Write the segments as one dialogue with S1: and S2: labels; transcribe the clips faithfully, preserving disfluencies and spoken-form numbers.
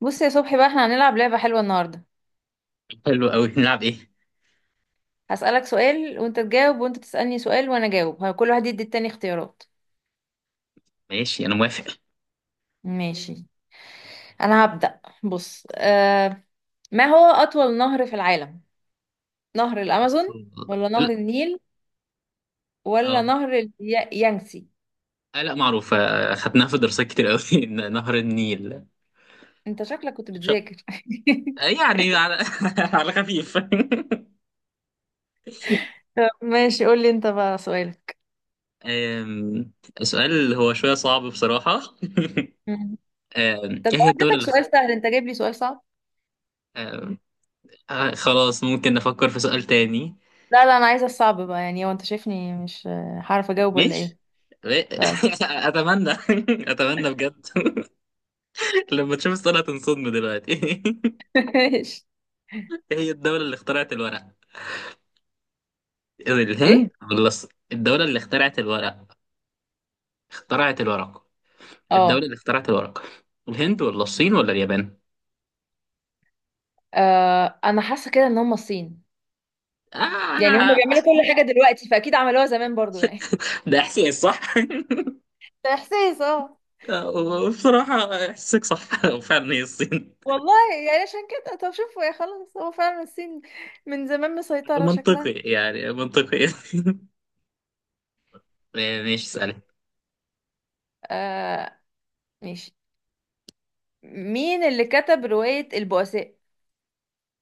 S1: بص يا صبحي بقى، احنا هنلعب لعبة حلوة النهاردة.
S2: حلو قوي، نلعب ايه؟
S1: هسألك سؤال وانت تجاوب، وانت تسألني سؤال وانا اجاوب. ه- كل واحد يدي التاني اختيارات.
S2: ماشي، انا موافق.
S1: ماشي. انا هبدأ. بص آه ما هو أطول نهر في العالم؟ نهر الأمازون، ولا
S2: لا.
S1: نهر النيل، ولا
S2: اه.
S1: نهر اليانسي؟
S2: آه، لا معروف، آه، خدناها في دراسات كتير قوي. ن- نهر النيل.
S1: انت شكلك كنت
S2: مش-
S1: بتذاكر.
S2: آه، يعني، على على خفيف.
S1: طب ماشي، قول لي انت بقى سؤالك.
S2: آم، سؤال هو شوية صعب بصراحة.
S1: مم.
S2: آم،
S1: طب لو
S2: ايه هي الدولة
S1: اديتك
S2: اللي خ...
S1: سؤال سهل انت جايب لي سؤال صعب؟
S2: آم، آه، خلاص، ممكن نفكر في سؤال تاني.
S1: لا لا، انا عايزة الصعب بقى. يعني هو انت شايفني مش آه، هعرف اجاوب ولا
S2: ماشي.
S1: ايه؟ طيب.
S2: اتمنى. اتمنى بجد. لما تشوف السؤال هتنصدم دلوقتي.
S1: ماشي.
S2: ايه هي الدولة اللي اخترعت الورق؟ الهند
S1: ايه؟
S2: ولا الص- الدولة اللي اخترعت الورق؟ اخترعت الورق. الدولة
S1: اه.
S2: اللي اخترعت الورق، الهند ولا الصين ولا اليابان؟
S1: آه، انا حاسه كده ان هم الصين. يعني هم
S2: آه.
S1: بيعملوا كل حاجه دلوقتي، فاكيد عملوها زمان برضو يعني.
S2: ده إحساس صح.
S1: ده احساس، اه.
S2: آه، بصراحة، إحساسك صح. وفعلا هي الصين.
S1: والله. يعني عشان كده، طب شوفوا يا خلاص، هو فعلا الصين. من زمان مسيطرة
S2: منطقي،
S1: شكلها.
S2: يعني منطقي. ماشي، اسأل.
S1: آه. ماشي. مين اللي كتب روايه البؤساء؟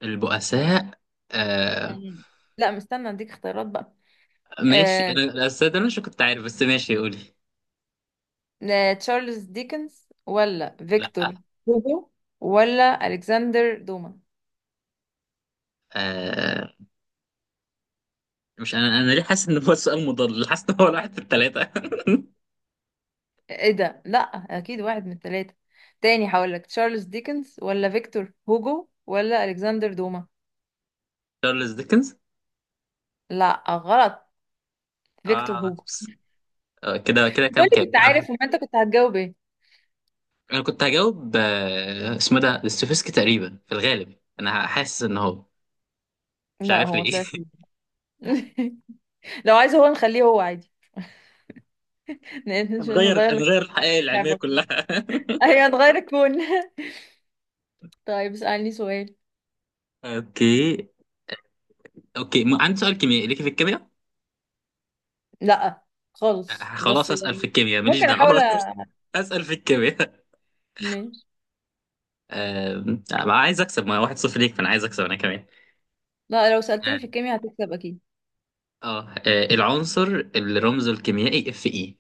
S2: البؤساء. آه.
S1: مم. لا مستنى اديك اختيارات بقى.
S2: ماشي،
S1: آه.
S2: أنا الأستاذ، أنا مش كنت عارف، بس ماشي قولي.
S1: آه، تشارلز ديكنز، ولا
S2: لا.
S1: فيكتور هوجو، ولا الكسندر دوما؟
S2: آه. مش؟ أنا أنا ليه حاسس إن هو سؤال مضل، حاسس إن هو واحد في التلاتة.
S1: ايه ده، لا. اكيد واحد من الثلاثه. تاني هقولك تشارلز ديكنز، ولا فيكتور هوجو، ولا الكسندر دوما؟
S2: تشارلز ديكنز.
S1: لا غلط. فيكتور
S2: اه.
S1: هوجو.
S2: آه، كده كده، كام
S1: دول
S2: كام،
S1: كنت
S2: كده واحد.
S1: عارف، وما انت كنت هتجاوب ايه؟
S2: انا كنت هجاوب، آه، اسمه ده ستوفسكي تقريبا في الغالب، انا حاسس ان هو... مش
S1: لا
S2: عارف
S1: هو ما
S2: ليه.
S1: طلعش. لو عايز هو نخليه هو عادي. ن- نش-
S2: هنغير
S1: نغير لك
S2: هنغير الحقائق العلميه
S1: اللعبه خالص.
S2: كلها.
S1: ايوه نغير الكون. طيب، اسألني سؤال.
S2: اوكي. اوكي، م- عندي سؤال كيميائي ليكي في الكيمياء.
S1: لا خالص،
S2: آه، خلاص،
S1: بس
S2: اسال في
S1: يعني
S2: الكيمياء ماليش
S1: ممكن احاول
S2: دعوه.
S1: أ-
S2: اسال في الكيمياء.
S1: ماشي.
S2: آم، آه، عايز اكسب. ما واحد صفر ليك، فانا عايز اكسب انا كمان.
S1: لا لو
S2: اه.
S1: سألتني في الكيمياء هتكسب اكيد.
S2: آه، آه، العنصر اللي رمزه الكيميائي اف اي.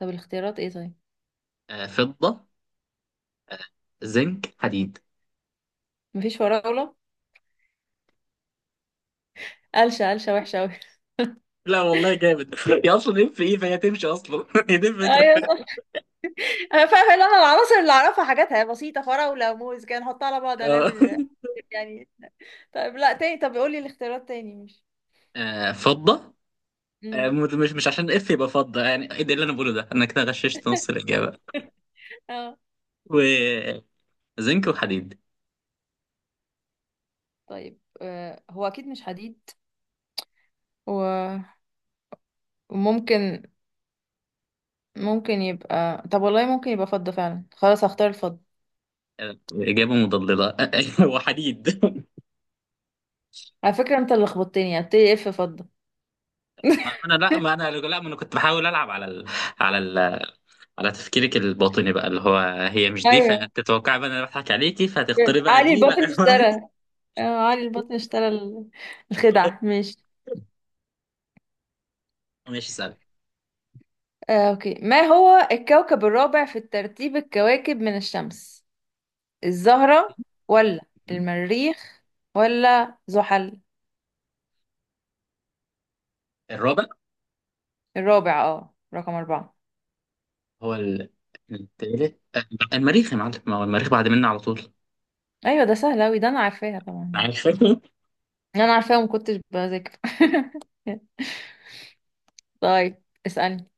S1: طب الاختيارات ايه طيب؟
S2: فضه، زنك، حديد.
S1: مفيش فراولة؟ قلشة، قلشة وحشة أوي.
S2: لا والله، جامد. هي اصلا ايه في ايه فهي تمشي اصلا. هي دي الفكره.
S1: ايوه، انا فاهمه. اللي انا العناصر اللي اعرفها حاجاتها بسيطه، فراوله وموز كده نحطها على بعض
S2: آه.
S1: هنعمل يعني. طيب لا، تاني. طب قولي الاختيارات تاني مش.
S2: آه، فضه. آه،
S1: امم.
S2: مت- مش مش عشان اف يبقى فضه، يعني ايه ده، إيه اللي انا بقوله ده، انا كده غششت نص الاجابه.
S1: اه.
S2: وزنك وحديد.
S1: طيب آه، هو اكيد مش حديد. و- وممكن، ممكن يبقى، طب والله ممكن يبقى فضة فعلا. خلاص هختار الفضة.
S2: آه، اجابه مضلله. وحديد.
S1: على فكرة انت اللي خبطتني، هبتدي اف فضة.
S2: ما انا لا ما انا لا ما انا كنت بحاول العب على ال... على ال... على تفكيرك الباطني بقى، اللي هو... هي مش دي،
S1: ايوه،
S2: فتتوقعي بقى إن انا بضحك عليكي فهتختاري بقى
S1: علي
S2: دي، لا.
S1: الباطن اشترى. آه، علي الباطن اشترى ال- الخدعة. ماشي.
S2: ماشي، سهل.
S1: آه، اوكي. ما هو الكوكب الرابع في الترتيب، الكواكب من الشمس؟ الزهرة، ولا المريخ، ولا زحل؟
S2: الرابع.
S1: الرابع، اه رقم أربعة.
S2: هو ال- التالت، آه، المريخ يا معلم، ما هو المريخ بعد منا على طول.
S1: أيوة ده سهل أوي، ده أنا عارفاها طبعا.
S2: عارف.
S1: أنا عارفاها ومكنتش بذاكر. طيب اسألني.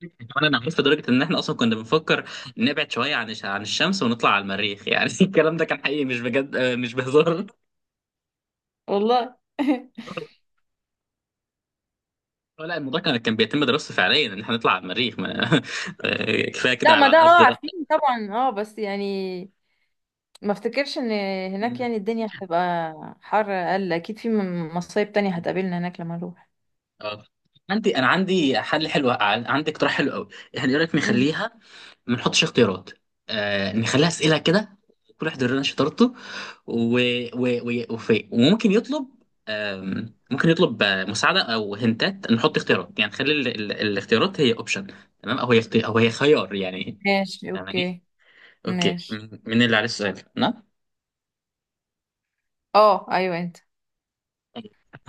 S2: كمان انا عارف لدرجه ان احنا اصلا كنا بنفكر نبعد شويه عن الش- عن الشمس ونطلع على المريخ، يعني الكلام ده كان حقيقي، مش بجد، آه، مش بهزار.
S1: والله.
S2: آه، لا، الموضوع كان كان بيتم دراسته فعليا ان احنا نطلع على المريخ ما... آه، كفايه كده
S1: لا ما
S2: على
S1: ده
S2: الارض
S1: اه
S2: بقى.
S1: عارفين طبعا اه، بس يعني ما افتكرش ان هناك
S2: م-
S1: يعني الدنيا هتبقى حر اقل اكيد، في م- مصايب تانية
S2: م.
S1: هتقابلنا هناك لما نروح.
S2: اه. عندي انا عندي حل حلو، عن- عندي اقتراح حلو قوي. احنا ايه رايك
S1: مم.
S2: نخليها، ما نحطش اختيارات. آه، نخليها اسئله كده، كل واحد يورينا شطارته. و... و... و... وفي، وممكن يطلب، آم، ممكن يطلب آه، مساعده، او هنتات نحط اختيارات، يعني نخلي ال... ال... الاختيارات هي اوبشن. تمام، او هي اختي... او هي خيار يعني.
S1: ماشي.
S2: فاهماني؟
S1: اوكي.
S2: اوكي،
S1: ماشي.
S2: من مين اللي عليه السؤال؟ انا؟
S1: اه ايوه انت.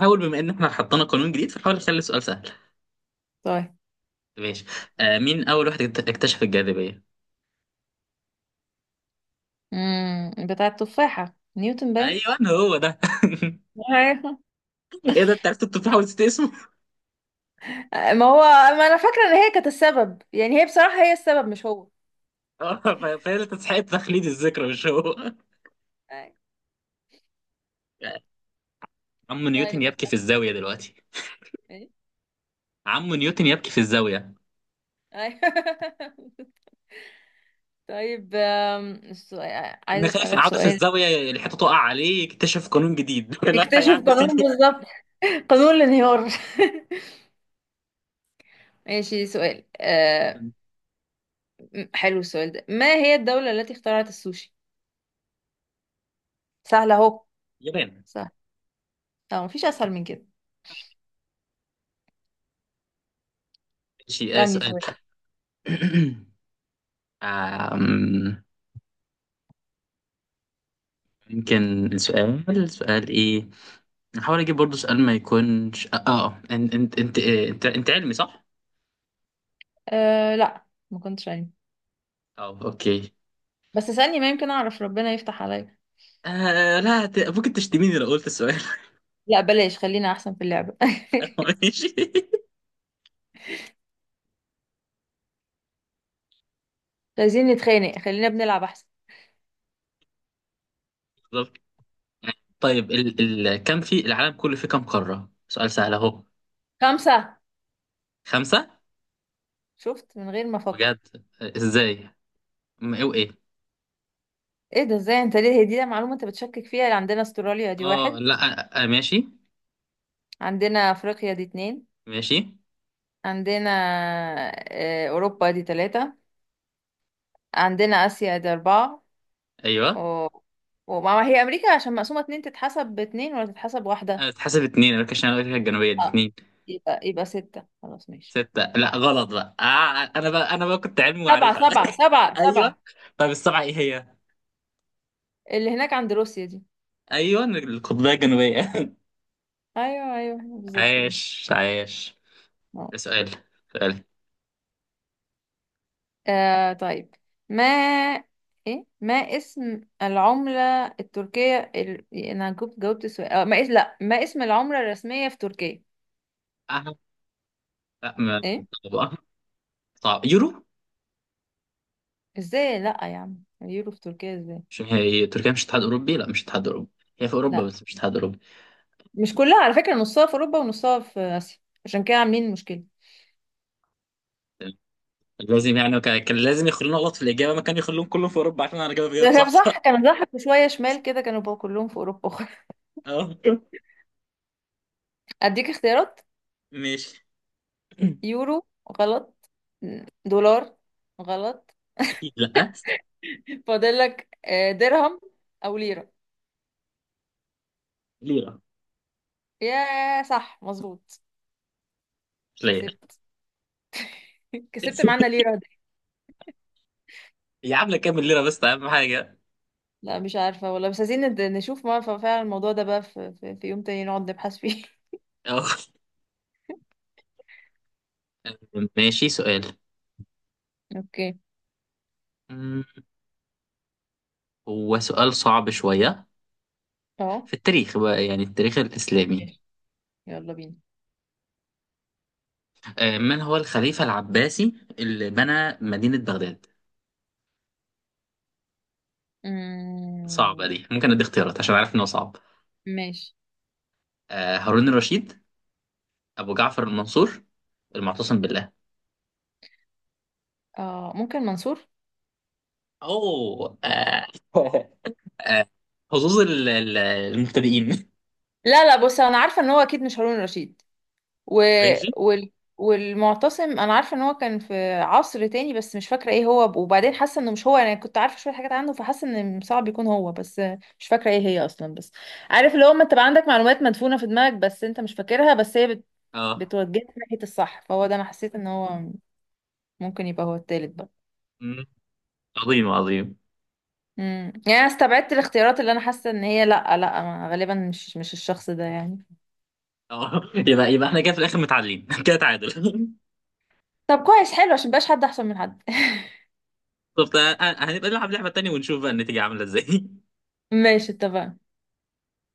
S2: حاول، بما ان احنا حطينا قانون جديد، فحاول نخلي السؤال سهل.
S1: طيب.
S2: ماشي. آه، مين اول واحد اكت- اكتشف الجاذبيه؟
S1: امم، بتاع التفاحة، نيوتن باين.
S2: ايوه هو ده.
S1: أيوة.
S2: ايه ده، انت عرفت؟ انت بتحاول تنسى اسمه.
S1: ما هو، ما انا فاكره ان هي كانت السبب يعني، هي بصراحه هي السبب، مش هو.
S2: آه، ف- فهي اللي تستحق تخليد الذكرى، مش هو.
S1: أيوة.
S2: عم نيوتن
S1: طيب بس.
S2: يبكي في الزاوية دلوقتي.
S1: ايه؟
S2: عم نيوتن يبكي في الزاوية.
S1: أيوة. طيب آم، السؤال،
S2: إن
S1: عايزه
S2: خايف
S1: اسالك
S2: يقعدوا في
S1: سؤال.
S2: الزاوية، الحيطة تقع عليه يكتشف قانون جديد. لا يا
S1: يكتشف
S2: عم
S1: قانون
S2: سيبني.
S1: بالظبط، قانون الانهيار. ماشي، سؤال آه حلو السؤال ده. ما هي الدوله التي اخترعت السوشي؟ سهله اهو.
S2: يابان.
S1: سهل. اه مفيش اسهل من كده.
S2: ماشي، آه،
S1: اسالني
S2: سؤال.
S1: سؤال.
S2: آم، يمكن السؤال، سؤال ايه. هحاول اجيب برضو سؤال ما يكونش. اه، آه، انت انت انت انت, انت علمي صح؟
S1: آه لا ما كنتش عارف،
S2: اه، اوكي.
S1: بس اسالني ما يمكن اعرف، ربنا يفتح عليا.
S2: آه لا، ت- ممكن تشتميني لو قلت السؤال.
S1: لا بلاش، خلينا احسن في اللعبه.
S2: ماشي.
S1: عايزين نتخانق؟ خلينا بنلعب احسن.
S2: طيب، ال ال كم في العالم كله، في كم قارة؟ سؤال سهل اهو.
S1: خمسة.
S2: خمسة.
S1: شفت، من غير ما افكر.
S2: بجد؟ ازاي؟ م- ايه وايه؟
S1: ايه ده، ازاي؟ انت ليه، هي دي معلومة انت بتشكك فيها؟ عندنا استراليا دي
S2: اه
S1: واحد.
S2: لا، آه آه، ماشي.
S1: عندنا افريقيا دي اتنين.
S2: ماشي.
S1: عندنا آه، اوروبا دي تلاتة. عندنا اسيا دي اربعة. و...
S2: ايوه.
S1: وما ما هي امريكا عشان مقسومة اتنين، تتحسب باتنين ولا تتحسب واحدة؟
S2: انا بتحسب اتنين، امريكا الشمالية وامريكا الجنوبية دي
S1: اه،
S2: اتنين.
S1: يبقى يبقى ستة، خلاص ماشي.
S2: ستة؟ لا غلط بقى، آه. انا بقى انا بقى كنت علمي
S1: سبعة،
S2: وعارفها.
S1: سبعة، سبعة،
S2: ايوه.
S1: سبعة.
S2: طيب السبعة ايه هي؟
S1: اللي هناك عند روسيا دي.
S2: ايوه، القطبية الجنوبية.
S1: ايوه ايوه بالظبط دي.
S2: عايش عايش.
S1: آه.
S2: سؤال. سؤال.
S1: آه طيب. ما ايه، ما اسم العملة التركية ال... انا جاوبت، جاوبت السؤال آه. ما اسم، لا ما اسم العملة الرسمية في تركيا؟
S2: اه لا ما-
S1: ايه؟
S2: صعب، آه، صعب. يورو.
S1: ازاي؟ لا يا عم، اليورو في تركيا ازاي؟
S2: مش هي تركيا مش اتحاد اوروبي؟ لا مش اتحاد اوروبي، هي في اوروبا
S1: لا
S2: بس مش اتحاد اوروبي.
S1: مش كلها على فكرة، نصها في اوروبا ونصها في اسيا، عشان كده عاملين مشكلة.
S2: لازم يعني كان كان لازم يخلونا غلط في الاجابه، ما كان يخلوهم كلهم في اوروبا عشان انا جايب
S1: ده
S2: جايب
S1: كان
S2: صح.
S1: صح، كانوا ضحكوا شوية شمال كده، كانوا بقى كلهم في اوروبا.
S2: اه
S1: اديك اختيارات.
S2: ماشي.
S1: يورو، غلط. دولار، غلط.
S2: اكيد لا.
S1: فاضل لك آه، درهم او ليرة.
S2: ليره.
S1: يا صح، مظبوط.
S2: مش ليره؟
S1: كسبت. كسبت معانا ليه راضي.
S2: يا عم كام ليره بس اهم حاجه.
S1: لا مش عارفة والله، بس عايزين ند- نشوف ما ف- فعلا الموضوع ده بقى، في, في, في يوم تاني نقعد نبحث فيه.
S2: اه ماشي، سؤال.
S1: اوكي.
S2: أمم، هو سؤال صعب شويه.
S1: اهو.
S2: في التاريخ بقى، يعني التاريخ الاسلامي.
S1: ماشي. يلا بينا.
S2: آه، من هو الخليفه العباسي اللي بنى مدينه بغداد؟ صعبه
S1: أمم،
S2: دي، ممكن ادي اختيارات عشان عارف ان هو صعب.
S1: ماشي.
S2: آه، هارون الرشيد، أبو جعفر المنصور، المعتصم بالله.
S1: اه ممكن منصور.
S2: أو آه آه حظوظ ال- ال- المبتدئين.
S1: لا لا بص، انا عارفة ان هو اكيد مش هارون رشيد. و...
S2: ماشي.
S1: وال... والمعتصم انا عارفه ان هو كان في عصر تاني، بس مش فاكره ايه هو، وبعدين حاسه انه مش هو، انا كنت عارفه شويه حاجات عنه فحاسه ان صعب يكون هو، بس مش فاكره ايه هي اصلا. بس عارف اللي هو، ما تبقى عندك معلومات مدفونه في دماغك بس انت مش فاكرها، بس هي بت...
S2: اه.
S1: بتوجهك ناحيه الصح، فهو ده انا حسيت ان هو ممكن يبقى هو التالت بقى.
S2: مم. عظيم عظيم.
S1: امم، يعني انا استبعدت الاختيارات اللي انا حاسه ان هي لا لا، ما- غالبا مش، مش الشخص ده يعني.
S2: اه، يبقى يبقى احنا كده في الاخر متعادلين. كده تعادل.
S1: طب كويس، حلو، عشان مبقاش حد احسن من حد.
S2: طب تع- هنبقى نلعب لعبة تانية ونشوف بقى النتيجة عاملة ازاي.
S1: ماشي، اتفقنا.